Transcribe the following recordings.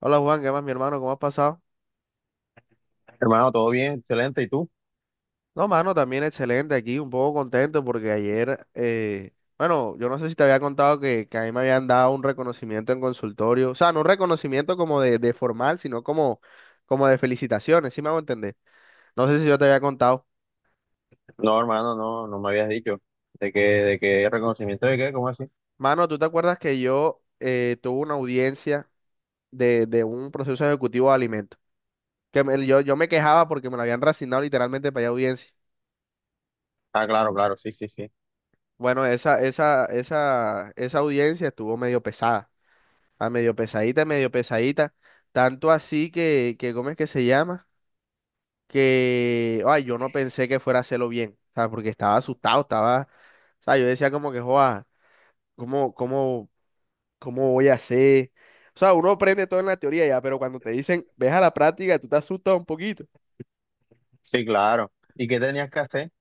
Hola Juan, ¿qué más mi hermano? ¿Cómo has pasado? Hermano, todo bien, excelente. ¿Y tú? No, mano, también excelente aquí, un poco contento porque ayer, bueno, yo no sé si te había contado que a mí me habían dado un reconocimiento en consultorio, o sea, no un reconocimiento como de formal, sino como, como de felicitaciones, ¿sí me hago entender? No sé si yo te había contado. No, hermano, no me habías dicho. De qué reconocimiento de qué? ¿Cómo así? Mano, ¿tú te acuerdas que yo tuve una audiencia de un proceso ejecutivo de alimentos? Yo me quejaba porque me lo habían reasignado literalmente para ir audiencia. Ah, claro, claro, sí, sí, sí. Bueno, esa audiencia estuvo medio pesada. A medio pesadita, medio pesadita. Tanto así que ¿cómo es que se llama? Que, ay, yo no pensé que fuera a hacerlo bien. O sea, porque estaba asustado, o sea, yo decía como que, joa, ¿cómo, cómo, cómo voy a hacer? O sea, uno aprende todo en la teoría ya, pero cuando te dicen, ves a la práctica, tú te asustas un poquito. Sí, claro. ¿Y qué tenías que hacer?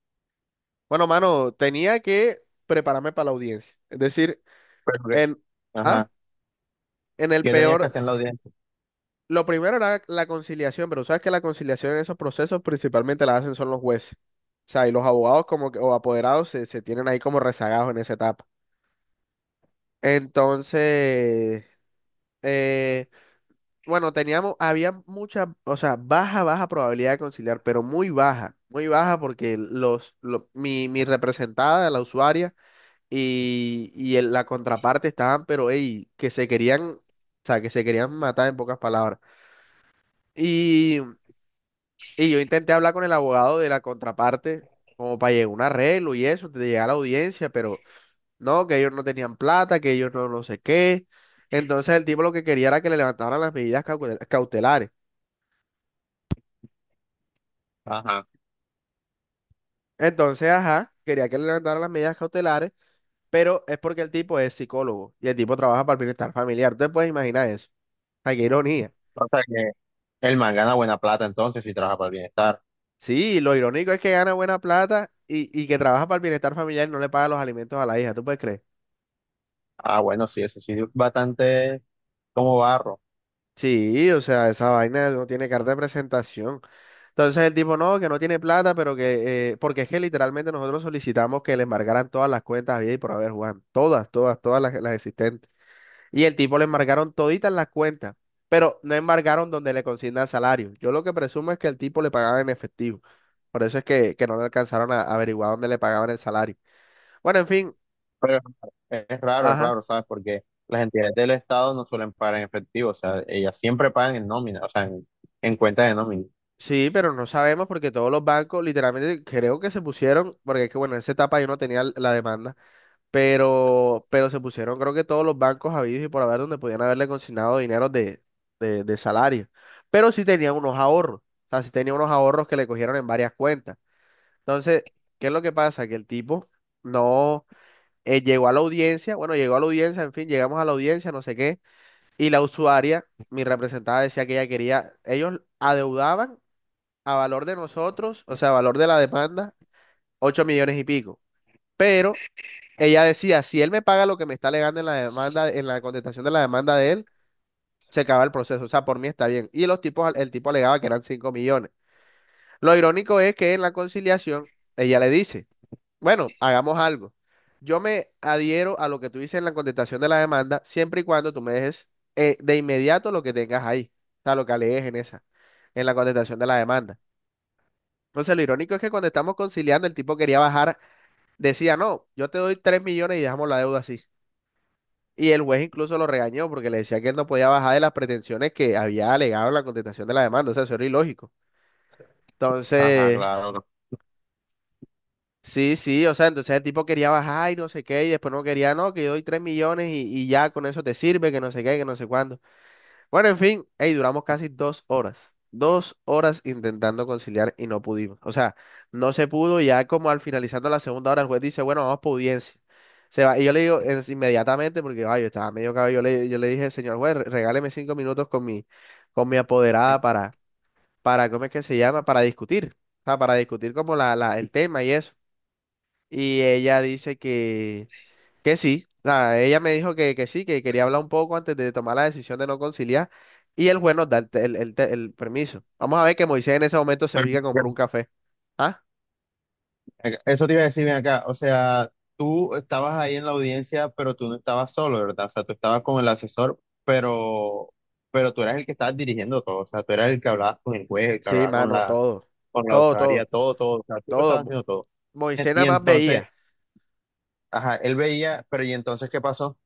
Bueno, mano, tenía que prepararme para la audiencia. Es decir, Pero que- en, ah, Ajá. en el ¿Qué tenías que peor, hacer en la audiencia? lo primero era la conciliación, pero sabes que la conciliación en esos procesos principalmente la hacen son los jueces. O sea, y los abogados como que, o apoderados se tienen ahí como rezagados en esa etapa. Entonces, eh, bueno, había mucha, o sea, baja, baja probabilidad de conciliar, pero muy baja porque mi representada, la usuaria y la contraparte estaban, pero, ey, que se querían matar en pocas palabras. Y, y yo intenté hablar con el abogado de la contraparte como para llegar a un arreglo y eso, de llegar a la audiencia, pero... No, que ellos no tenían plata, que ellos no no sé qué. Entonces el tipo lo que quería era que le levantaran las medidas cautelares. Ajá. Entonces, ajá, quería que le levantaran las medidas cautelares, pero es porque el tipo es psicólogo y el tipo trabaja para el bienestar familiar. Ustedes pueden imaginar eso. Ay, qué ironía. O sea que el man gana buena plata entonces y trabaja para el bienestar. Sí, lo irónico es que gana buena plata y que trabaja para el bienestar familiar y no le paga los alimentos a la hija. ¿Tú puedes creer? Ah, bueno, sí, eso sí, bastante como barro. Sí, o sea, esa vaina no tiene carta de presentación. Entonces el tipo no, que no tiene plata, pero que, porque es que literalmente nosotros solicitamos que le embargaran todas las cuentas bien y por haber Juan, todas, todas, todas las existentes. Y el tipo le embargaron toditas las cuentas, pero no embargaron donde le consignan salario. Yo lo que presumo es que el tipo le pagaban en efectivo. Por eso es que no le alcanzaron a averiguar dónde le pagaban el salario. Bueno, en fin, Pero es raro, es raro, ajá. ¿sabes? Porque las entidades del Estado no suelen pagar en efectivo, o sea, ellas siempre pagan en nómina, o sea, en cuenta de nómina. Sí, pero no sabemos porque todos los bancos literalmente creo que se pusieron, porque es que bueno, en esa etapa yo no tenía la demanda, pero se pusieron creo que todos los bancos habidos y por haber donde podían haberle consignado dinero de salario, pero sí tenía unos ahorros, o sea, sí tenía unos ahorros que le cogieron en varias cuentas. Entonces, ¿qué es lo que pasa? Que el tipo no llegó a la audiencia, bueno, llegó a la audiencia, en fin, llegamos a la audiencia, no sé qué, y la usuaria, mi representada decía que ella quería, ellos adeudaban a valor de nosotros, o sea, a valor de la demanda, 8 millones y pico. Pero ella decía, si él me paga lo que me está alegando en la demanda, en la contestación de la demanda de él, se acaba el proceso. O sea, por mí está bien. Y los tipos, el tipo alegaba que eran 5 millones. Lo irónico es que en la conciliación, ella le dice, bueno, hagamos algo. Yo me adhiero a lo que tú dices en la contestación de la demanda, siempre y cuando tú me dejes de inmediato lo que tengas ahí, o sea, lo que alegues en esa, en la contestación de la demanda. Entonces, lo irónico es que cuando estamos conciliando, el tipo quería bajar, decía, no, yo te doy 3 millones y dejamos la deuda así. Y el juez incluso lo regañó porque le decía que él no podía bajar de las pretensiones que había alegado en la contestación de la demanda. O sea, eso era ilógico. Ajá, Entonces, claro. sí, sí, o sea, entonces el tipo quería bajar y no sé qué, y después no quería, no, que yo doy 3 millones y ya con eso te sirve, que no sé qué, que no sé cuándo. Bueno, en fin, hey, duramos casi 2 horas. Dos horas intentando conciliar y no pudimos. O sea, no se pudo. Ya como al finalizando la segunda hora, el juez dice, bueno, vamos por audiencia. Se va. Y yo le digo es inmediatamente, porque ay, yo estaba medio cabello. Yo le dije, señor juez, regáleme 5 minutos con mi apoderada para, ¿cómo es que se llama? Para discutir. O sea, para discutir como el tema y eso. Y ella dice que sí. O sea, ella me dijo que sí, que quería hablar un poco antes de tomar la decisión de no conciliar. Y el juez nos da el permiso. Vamos a ver que Moisés en ese momento se ubica a comprar un café. Ah, Eso te iba a decir bien acá, o sea, tú estabas ahí en la audiencia, pero tú no estabas solo, ¿verdad? O sea, tú estabas con el asesor, pero, pero tú eras el que estabas dirigiendo todo, o sea, tú eras el que hablabas con el juez, el que sí, hablaba mano, todo. con la Todo, usuaria, todo, todo, todo, o sea, tú lo todo. estabas Mo- haciendo todo. Moisés Y nada más entonces, veía. ajá, él veía, pero ¿y entonces qué pasó? O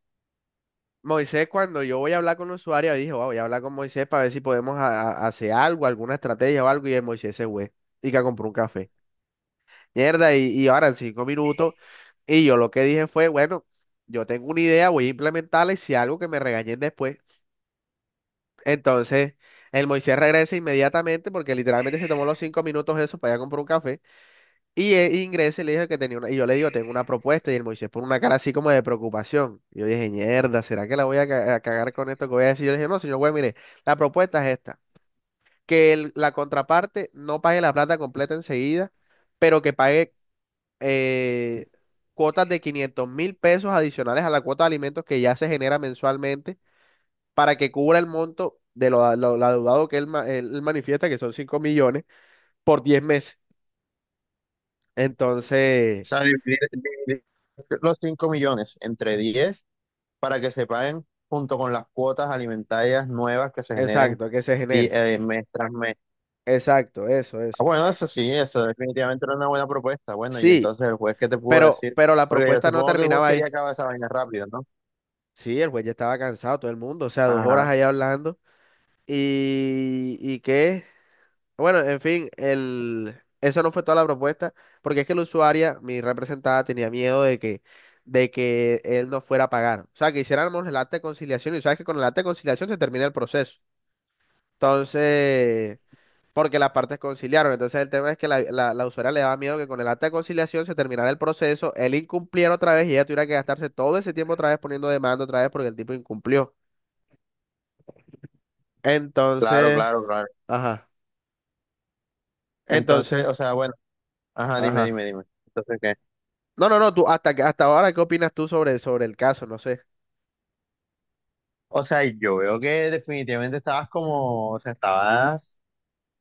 Moisés, cuando yo voy a hablar con el usuario, dijo, "Wow, voy a hablar con Moisés para ver si podemos hacer algo, alguna estrategia o algo. Y el Moisés se fue y que compró un café. Mierda, y ahora en 5 minutos. Y yo lo que dije fue, bueno, yo tengo una idea, voy a implementarla y si algo que me regañen después. Entonces, el Moisés regresa inmediatamente porque literalmente se tomó los 5 minutos eso para ir a comprar un café. Y él ingresa y le dijo que tenía una, y yo le digo, tengo una propuesta. Y el Moisés pone una cara así como de preocupación. Y yo dije, mierda, ¿será que la voy a cagar con esto que voy a decir? Yo le dije, no, señor güey, mire, la propuesta es esta, que la contraparte no pague la plata completa enseguida, pero que pague eh, cuotas de 500.000 pesos adicionales a la cuota de alimentos que ya se genera mensualmente para que cubra el monto de lo adeudado que él, él manifiesta, que son 5 millones, por 10 meses. Entonces, sea, dividir, dividir los 5.000.000 entre 10 para que se paguen junto con las cuotas alimentarias nuevas que se generen exacto, que se genere. Mes tras mes. Exacto, eso, Ah, eso. bueno, eso sí, eso definitivamente era una buena propuesta. Bueno, y Sí, entonces el juez, ¿qué te pudo decir? pero la Porque yo propuesta no supongo que el juez terminaba ahí. quería acabar esa vaina rápido, ¿no? Sí, el juez ya estaba cansado, todo el mundo, o sea, 2 horas Ajá, allá hablando. Y qué? Bueno, en fin, el... eso no fue toda la propuesta, porque es que la usuaria, mi representada, tenía miedo de que él no fuera a pagar. O sea, que hiciéramos el acta de conciliación y sabes que con el acta de conciliación se termina el proceso. Entonces, porque las partes conciliaron. Entonces, el tema es que la usuaria le daba miedo que con el acta de conciliación se terminara el proceso, él incumpliera otra vez y ella tuviera que gastarse todo ese tiempo otra vez poniendo demanda otra vez porque el tipo incumplió. claro, Entonces, claro, claro. ajá, Entonces, entonces, o sea, bueno, ajá, dime, dime, ajá. dime. Entonces, ¿qué? No, no, no, tú, hasta, hasta ahora, ¿qué opinas tú sobre, sobre el caso? No sé. O sea, yo veo que definitivamente estabas como, o sea, estabas.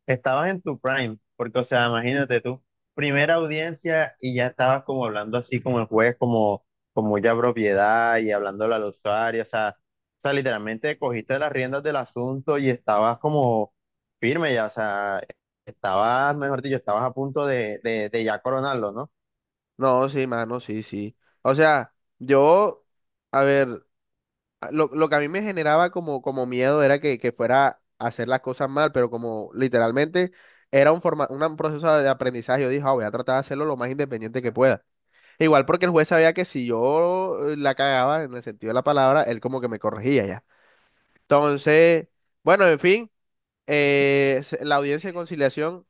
Estabas en tu prime, porque, o sea, imagínate tú, primera audiencia y ya estabas como hablando así como el juez, como, como ya propiedad y hablándole al usuario, o sea, literalmente cogiste las riendas del asunto y estabas como firme ya, o sea, estabas, mejor dicho, estabas a punto de ya coronarlo, ¿no? No, sí, mano, sí, sí. O sea, yo, a ver, lo que a mí me generaba como, como miedo era que fuera a hacer las cosas mal, pero como literalmente era un proceso de aprendizaje, yo dije, "Ah, voy a tratar de hacerlo lo más independiente que pueda. Igual porque el juez sabía que si yo la cagaba en el sentido de la palabra, él como que me corregía ya. Entonces, bueno, en fin, la audiencia de conciliación.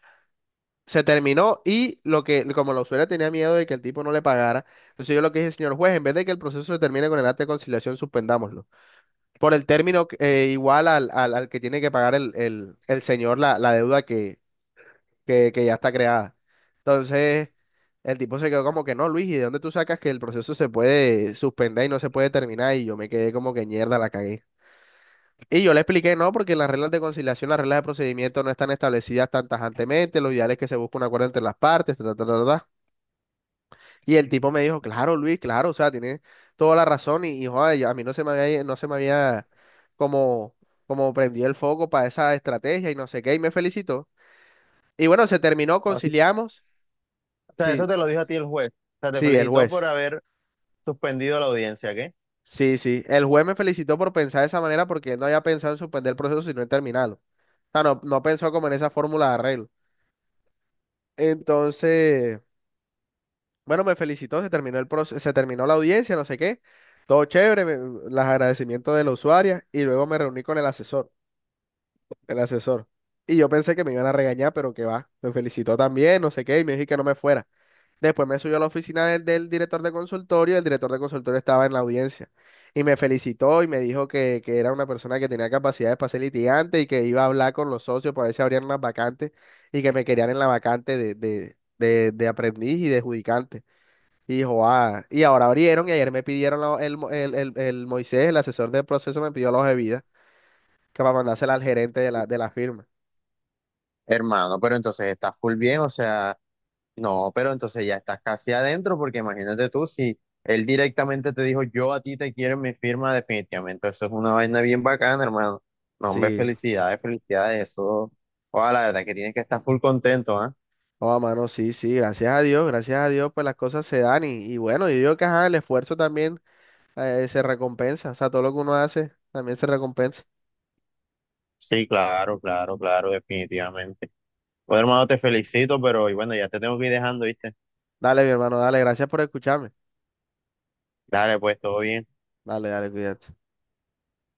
Se terminó y lo que, como la usuaria tenía miedo de que el tipo no le pagara, entonces yo lo que dije, señor juez, en vez de que el proceso se termine con el acta de conciliación, suspendámoslo. Por el término igual al que tiene que pagar el señor la deuda que ya está creada. Entonces, el tipo se quedó como que no, Luis, ¿y de dónde tú sacas que el proceso se puede suspender y no se puede terminar? Y yo me quedé como que mierda, la cagué. Y yo le expliqué, no, porque las reglas de conciliación, las reglas de procedimiento no están establecidas tan tajantemente, lo ideal es que se busque un acuerdo entre las partes, ta, ta, ta, ta, ta". Y el tipo me dijo, claro, Luis, claro, o sea, tiene toda la razón y joder, a mí no se me había como, como prendido el foco para esa estrategia y no sé qué, y me felicitó. Y bueno, se terminó, O conciliamos. sea, eso Sí, te lo dijo a ti el juez, o sea, te sí, el felicitó por juez. haber suspendido la audiencia, ¿qué? Sí, sí, el juez me felicitó por pensar de esa manera porque él no había pensado en suspender el proceso, sino en terminarlo. O sea, no, no pensó como en esa fórmula de arreglo. Entonces, bueno, me felicitó, se terminó la audiencia, no sé qué, todo chévere, los agradecimientos de la usuaria y luego me reuní con el asesor. Y yo pensé que me iban a regañar, pero que va. Me felicitó también, no sé qué, y me dijo que no me fuera. Después me subió a la oficina del director de consultorio, y el director de consultorio estaba en la audiencia. Y me felicitó y me dijo que era una persona que tenía capacidades para ser litigante y que iba a hablar con los socios para ver si abrían unas vacantes y que me querían en la vacante de aprendiz y de judicante. Y dijo, ah, y ahora abrieron y ayer me pidieron el Moisés, el asesor del proceso, me pidió la hoja de vida que para mandársela al gerente de la firma. Hermano, pero entonces estás full bien, o sea... No, pero entonces ya estás casi adentro, porque imagínate tú, si él directamente te dijo, yo a ti te quiero en mi firma, definitivamente, eso es una vaina bien bacana, hermano. No, hombre, Sí, felicidades, felicidades, eso, ojalá, la verdad que tienes que estar full contento, ¿ah? oh, mano, sí, sí, gracias a Dios, pues las cosas se dan y bueno, yo digo que ajá, el esfuerzo también se recompensa, o sea, todo lo que uno hace también se recompensa. Sí, claro, claro, claro, definitivamente. Bueno, hermano, te felicito, pero y bueno, ya te tengo que ir dejando, ¿viste? Dale, mi hermano, dale, gracias por escucharme. Dale, pues, todo bien. Dale, dale, cuídate.